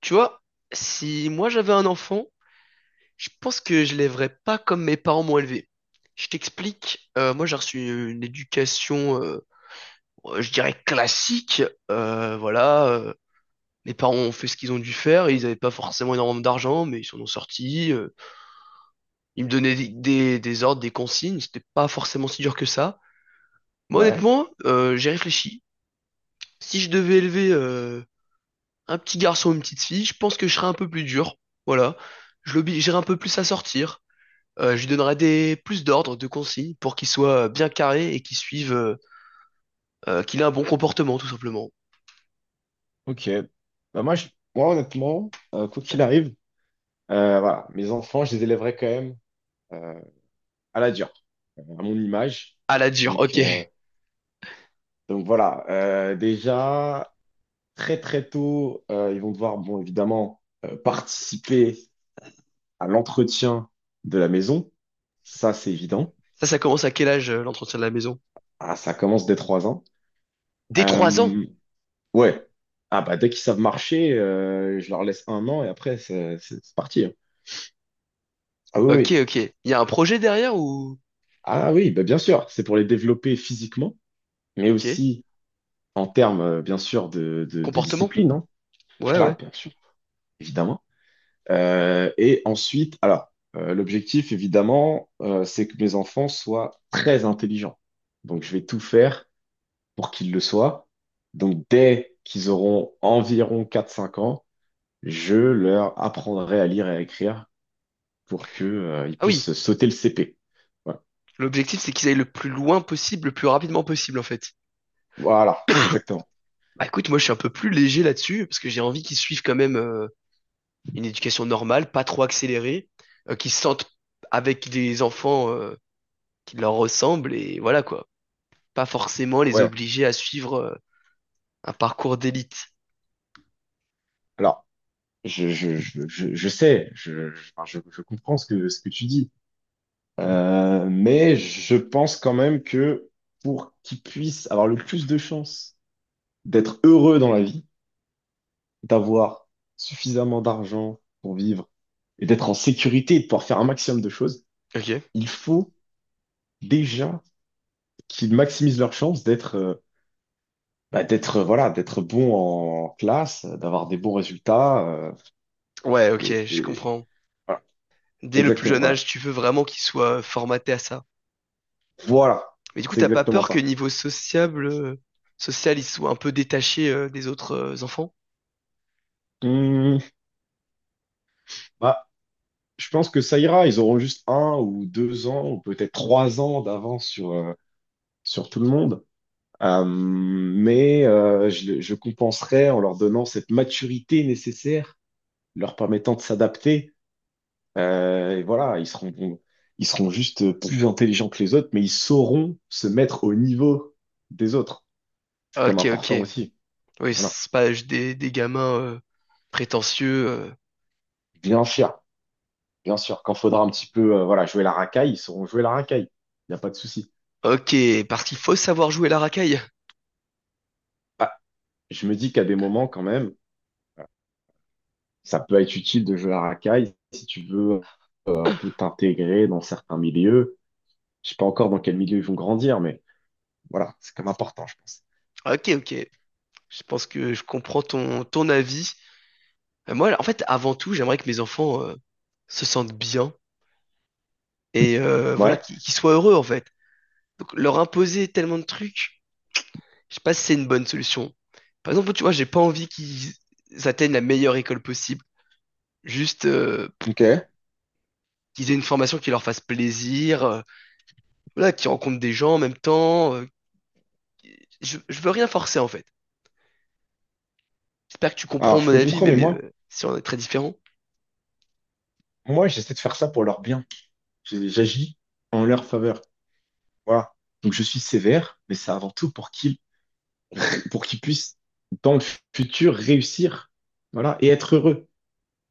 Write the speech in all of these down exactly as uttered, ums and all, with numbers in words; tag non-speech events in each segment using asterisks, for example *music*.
Tu vois, si moi j'avais un enfant, je pense que je l'élèverais pas comme mes parents m'ont élevé. Je t'explique, euh, moi j'ai reçu une éducation, euh, je dirais classique. Euh, voilà, euh, mes parents ont fait ce qu'ils ont dû faire, ils n'avaient pas forcément énormément d'argent, mais ils s'en ont sortis. Euh, ils me donnaient des, des- des ordres, des consignes, c'était pas forcément si dur que ça. Moi Ouais, honnêtement, euh, j'ai réfléchi. Si je devais élever euh, un petit garçon ou une petite fille, je pense que je serais un peu plus dur. Voilà, je l'obligerais un peu plus à sortir. Euh, je lui donnerai des plus d'ordres, de consignes pour qu'il soit euh, bien carré et qu'il suive, euh, euh, qu'il ait un bon comportement tout simplement. ok. Bah moi, je, moi honnêtement, euh, quoi qu'il arrive, euh, voilà, mes enfants, je les élèverai quand même euh, à la dure, euh, à mon image. À la dure, Donc, ok. euh, donc voilà, euh, déjà, très très tôt, euh, ils vont devoir, bon, évidemment, euh, participer à l'entretien de la maison. Ça, c'est évident. Ça, ça commence à quel âge euh, l'entretien de la maison? Ah, ça commence dès trois ans. Dès trois ans. Euh, ouais. Ah bah dès qu'ils savent marcher, euh, je leur laisse un an et après, c'est c'est- c'est parti. Hein. Ah oui, Ok, oui. ok. Il y a un projet derrière ou? Ah oui, bah bien sûr, c'est pour les développer physiquement, mais Ok. aussi en termes, euh, bien sûr, de, de, de Comportement. discipline, hein. Ouais, Là, ouais. bien sûr, évidemment. Euh, et ensuite, alors, euh, l'objectif, évidemment, euh, c'est que mes enfants soient très intelligents. Donc, je vais tout faire pour qu'ils le soient. Donc, dès qu'ils auront environ quatre cinq ans, je leur apprendrai à lire et à écrire pour que, euh, ils Ah oui. puissent sauter le C P. Voilà, L'objectif, c'est qu'ils aillent le plus loin possible, le plus rapidement possible en fait. voilà, exactement. Bah écoute, moi, je suis un peu plus léger là-dessus parce que j'ai envie qu'ils suivent quand même euh, une éducation normale, pas trop accélérée, euh, qu'ils se sentent avec des enfants euh, qui leur ressemblent et voilà quoi. Pas forcément les Ouais. obliger à suivre euh, un parcours d'élite. Alors. Je, je, je, je, je sais, je, je, enfin, je- je comprends ce que, ce que tu dis. Euh, mais je pense quand même que pour qu'ils puissent avoir le plus de chances d'être heureux dans la vie, d'avoir suffisamment d'argent pour vivre et d'être en sécurité et de pouvoir faire un maximum de choses, Ok. il faut déjà qu'ils maximisent leurs chances d'être euh, bah, d'être euh, voilà, d'être bons en classe, euh, d'avoir des bons résultats, euh, Ouais, ok, et, je et- comprends. voilà, Dès le plus exactement, jeune voilà. âge, tu veux vraiment qu'ils soient formatés à ça. Voilà, Mais du coup, c'est t'as pas exactement peur que ça. niveau sociable, euh, social, ils soient un peu détachés euh, des autres euh, enfants? Hmm, bah, je pense que ça ira. Ils auront juste un ou deux ans, ou peut-être trois ans d'avance sur, euh, sur tout le monde. Euh, mais euh, je, le- je compenserai en leur donnant cette maturité nécessaire, leur permettant de s'adapter. Euh, et voilà, ils seront, ils seront juste plus intelligents que les autres, mais ils sauront se mettre au niveau des autres. C'est quand même Ok, ok. important aussi. Oui, Voilà. c'est pas juste des, des gamins euh, prétentieux. euh. Bien sûr, bien sûr. Quand faudra un petit peu, euh, voilà, jouer la racaille, ils sauront jouer la racaille. Il n'y a pas de souci. Ok, parce qu'il faut savoir jouer la racaille. Je me dis qu'à des moments, quand même, ça peut être utile de jouer à racaille si tu veux euh, un peu *laughs* t'intégrer dans certains milieux. Je sais pas encore dans quel milieu ils vont grandir, mais voilà, c'est comme important, je pense. Ok, ok. Je pense que je comprends ton, ton avis. Euh, moi, en fait, avant tout, j'aimerais que mes enfants euh, se sentent bien et euh, voilà, Ouais, qu'ils qu'ils soient heureux, en fait. Donc, leur imposer tellement de trucs, je sais pas si c'est une bonne solution. Par exemple, tu vois, j'ai pas envie qu'ils atteignent la meilleure école possible. Juste euh, pour ok. qu'ils aient une formation qui leur fasse plaisir, euh, voilà, qu'ils rencontrent des gens en même temps. euh, je, je veux rien forcer, en fait. J'espère que tu Alors, comprends je mon peux avis, comprendre, mais même moi, euh, si on est très différents. moi, j'essaie de faire ça pour leur bien. J'ai- J'agis en leur faveur. Voilà. Donc, je suis sévère, mais c'est avant tout pour qu'ils, pour qu'ils puissent, dans le futur, réussir. Voilà. Et être heureux.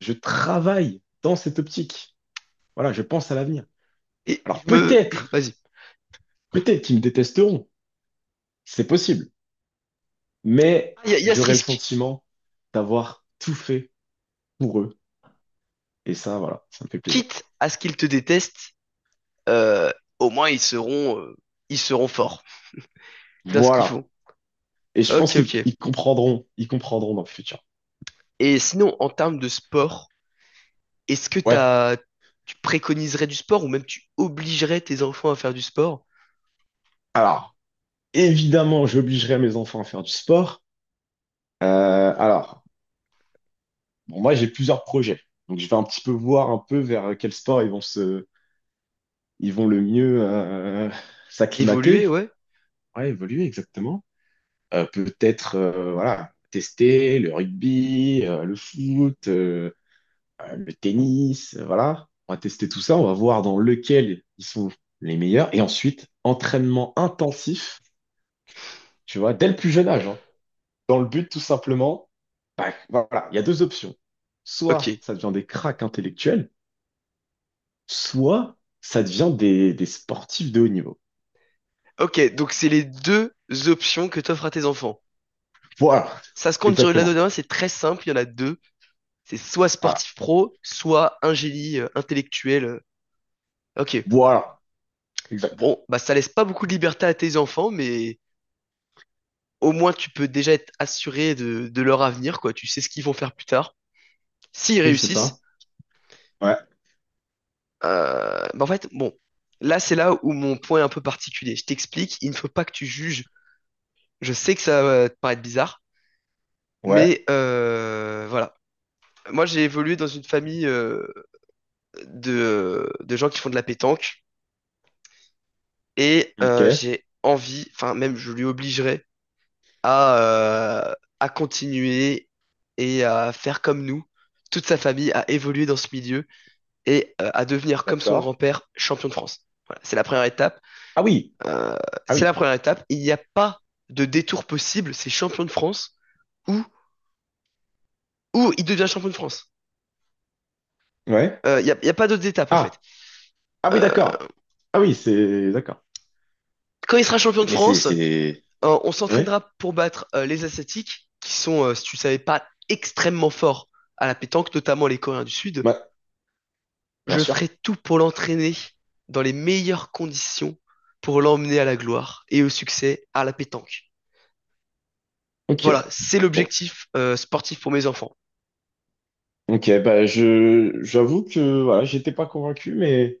Je travaille dans cette optique. Voilà. Je pense à l'avenir. Et Alors, je me... *clears throat* peut-être Vas-y. Peut-être qu'ils me détesteront, c'est possible, Ah, mais Il y a il y a ce j'aurai le risque. sentiment d'avoir tout fait pour eux. Et ça, voilà, ça me fait plaisir. Quitte à ce qu'ils te détestent, euh, au moins ils seront, euh, ils seront forts dans ce qu'ils Voilà. font. Et je pense Ok, qu'ils ok. ils comprendront, ils comprendront, dans le futur. Et sinon, en termes de sport, est-ce que Ouais. t'as, tu préconiserais du sport ou même tu obligerais tes enfants à faire du sport? Alors, évidemment, j'obligerai mes enfants à faire du sport. Euh, alors, bon, moi, j'ai plusieurs projets. Donc, je vais un petit peu voir un peu vers quel sport ils vont se, ils vont le mieux euh, Évoluer, s'acclimater. ouais? Ouais, évoluer, exactement. Euh, peut-être euh, voilà, tester le rugby, euh, le foot, euh, euh, le tennis, euh, voilà. On va tester tout ça, on va voir dans lequel ils sont les meilleurs. Et ensuite, entraînement intensif, tu vois, dès le plus jeune âge, hein. Dans le but tout simplement, bah, voilà, il y a deux options. Ok. Soit ça devient des cracks intellectuels, soit ça devient des, des sportifs de haut niveau. Ok, donc c'est les deux options que t'offres à tes enfants. Voilà, Ça se compte sur une anneau exactement. d'un, c'est très simple, il y en a deux. C'est soit Voilà, sportif pro, soit un génie euh, intellectuel. euh. Ok. voilà, exact. Bon, bah ça laisse pas beaucoup de liberté à tes enfants, mais au moins tu peux déjà être assuré de, de leur avenir, quoi. Tu sais ce qu'ils vont faire plus tard. S'ils Oui, c'est ça. réussissent, Ouais, euh, bah en fait, bon, là c'est là où mon point est un peu particulier. Je t'explique, il ne faut pas que tu juges. Je sais que ça va te paraître bizarre, ouais, mais euh, voilà. Moi j'ai évolué dans une famille euh, de, de gens qui font de la pétanque et ok, euh, j'ai envie, enfin même je lui obligerai à, euh, à continuer et à faire comme nous, toute sa famille, à évoluer dans ce milieu et euh, à devenir comme son d'accord. grand-père champion de France. Voilà, c'est la première étape. Ah oui, Euh, ah c'est oui, la première étape. Il n'y a pas de détour possible. C'est champion de France ou ou il devient champion de France. ouais. Euh, Il euh, n'y a, y a pas d'autres étapes en fait. Ah, ah oui, Euh, d'accord. Ah oui, c'est d'accord. Quand il sera champion de Mais c'est, France, c'est, euh, on ouais, s'entraînera pour battre euh, les Asiatiques qui sont, euh, si tu ne savais pas, extrêmement forts à la pétanque, notamment les Coréens du Sud. ouais, bien Je sûr. ferai tout pour l'entraîner dans les meilleures conditions pour l'emmener à la gloire et au succès à la pétanque. Ok, Voilà, c'est bon, l'objectif euh, sportif pour mes enfants. ok, bah je j'avoue que voilà, j'étais pas convaincu, mais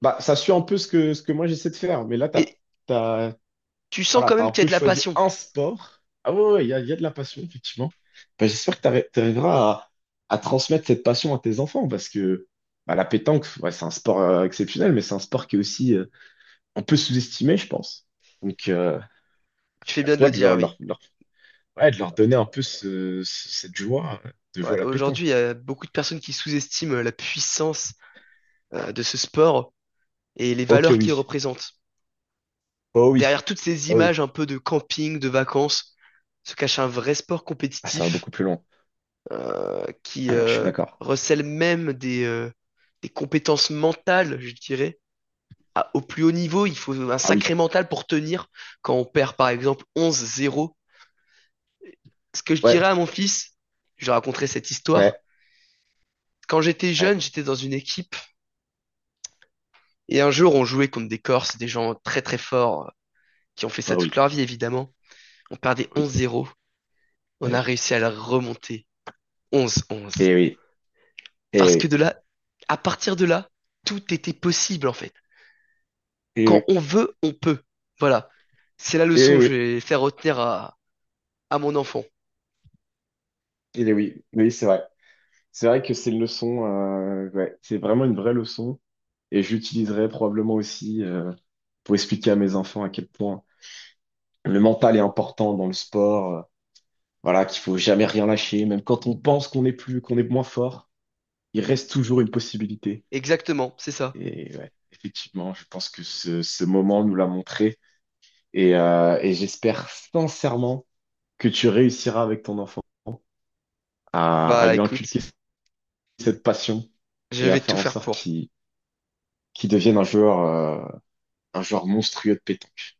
bah ça suit un peu ce que ce que moi j'essaie de faire. Mais là, t'as Et t'as tu sens voilà, quand t'as même un qu'il y a peu de la choisi passion. un sport. Ah ouais, ouais, il y a, il y a de la passion, effectivement. Bah, j'espère que t'arri- t'arriveras à, à transmettre cette passion à tes enfants, parce que bah, la pétanque, ouais, c'est un sport euh, exceptionnel, mais c'est un sport qui est aussi euh, un peu sous-estimés, je pense. Donc, euh, Tu fais à bien de toi le de dire, leur, oui. leur- leur- ouais, de leur donner un peu ce- ce- cette joie de jouer Ouais, à la pétanque. aujourd'hui, il y a beaucoup de personnes qui sous-estiment euh, la puissance euh, de ce sport et les Oh que valeurs qu'il oui. représente. Oh oui. Derrière toutes ces Oh oui. images un peu de camping, de vacances, se cache un vrai sport Ah, ça va compétitif beaucoup plus loin. euh, qui *clears throat* Je suis euh, d'accord. recèle même des, euh, des compétences mentales, je dirais, à- au plus haut niveau, il faut un Ah oui. sacré mental pour tenir quand on perd par exemple onze zéro. Ce que je Ouais. dirais à mon fils, je lui raconterai cette histoire. Ouais. Quand j'étais Ouais. jeune, j'étais dans une équipe et un jour on jouait contre des Corses, des gens très très forts euh, qui ont fait ça Oh toute oui. leur vie évidemment. On Ah perdait oui. onze zéro, on Ouais. a réussi à la remonter onze onze. Eh oui. Eh Parce que oui. de là, à partir de là, tout était possible en fait. Eh Quand oui. on veut, on peut. Voilà. C'est la Eh leçon que oui. je vais faire retenir à, à mon enfant. Eh oui. Oui, c'est vrai. C'est vrai que c'est une leçon. euh, ouais. C'est vraiment une vraie leçon. Et je probablement aussi euh, pour expliquer à mes enfants à quel point le mental est important dans le sport. euh, Voilà, qu'il faut jamais rien lâcher, même quand on pense qu'on est plus, qu'on est moins fort, il reste toujours une possibilité. Exactement, c'est ça. Et ouais, effectivement, je pense que ce, ce moment nous l'a montré. Et, euh, et j'espère sincèrement que tu réussiras avec ton enfant à, à Bah lui écoute, inculquer cette passion je et à vais tout faire en faire sorte pour. qu'il qu'il devienne un joueur, euh, un joueur monstrueux de pétanque.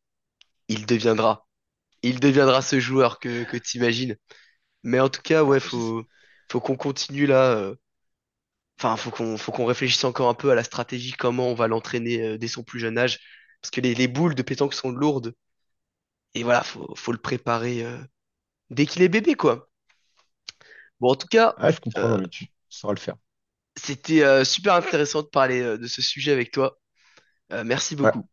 Il deviendra. Il deviendra ce joueur que, que t'imagines. Mais en tout cas, Ah, ouais, je, faut, faut qu'on continue là. euh, Enfin, faut qu'on faut qu'on réfléchisse encore un peu à la stratégie, comment on va l'entraîner euh, dès son plus jeune âge. Parce que les, les boules de pétanque sont lourdes. Et voilà, faut, faut le préparer euh, dès qu'il est bébé, quoi. Bon, en tout cas, ah, je comprends, euh, non, mais tu sauras le faire. c'était euh, super intéressant de parler euh, de ce sujet avec toi. Euh, merci Ouais. beaucoup.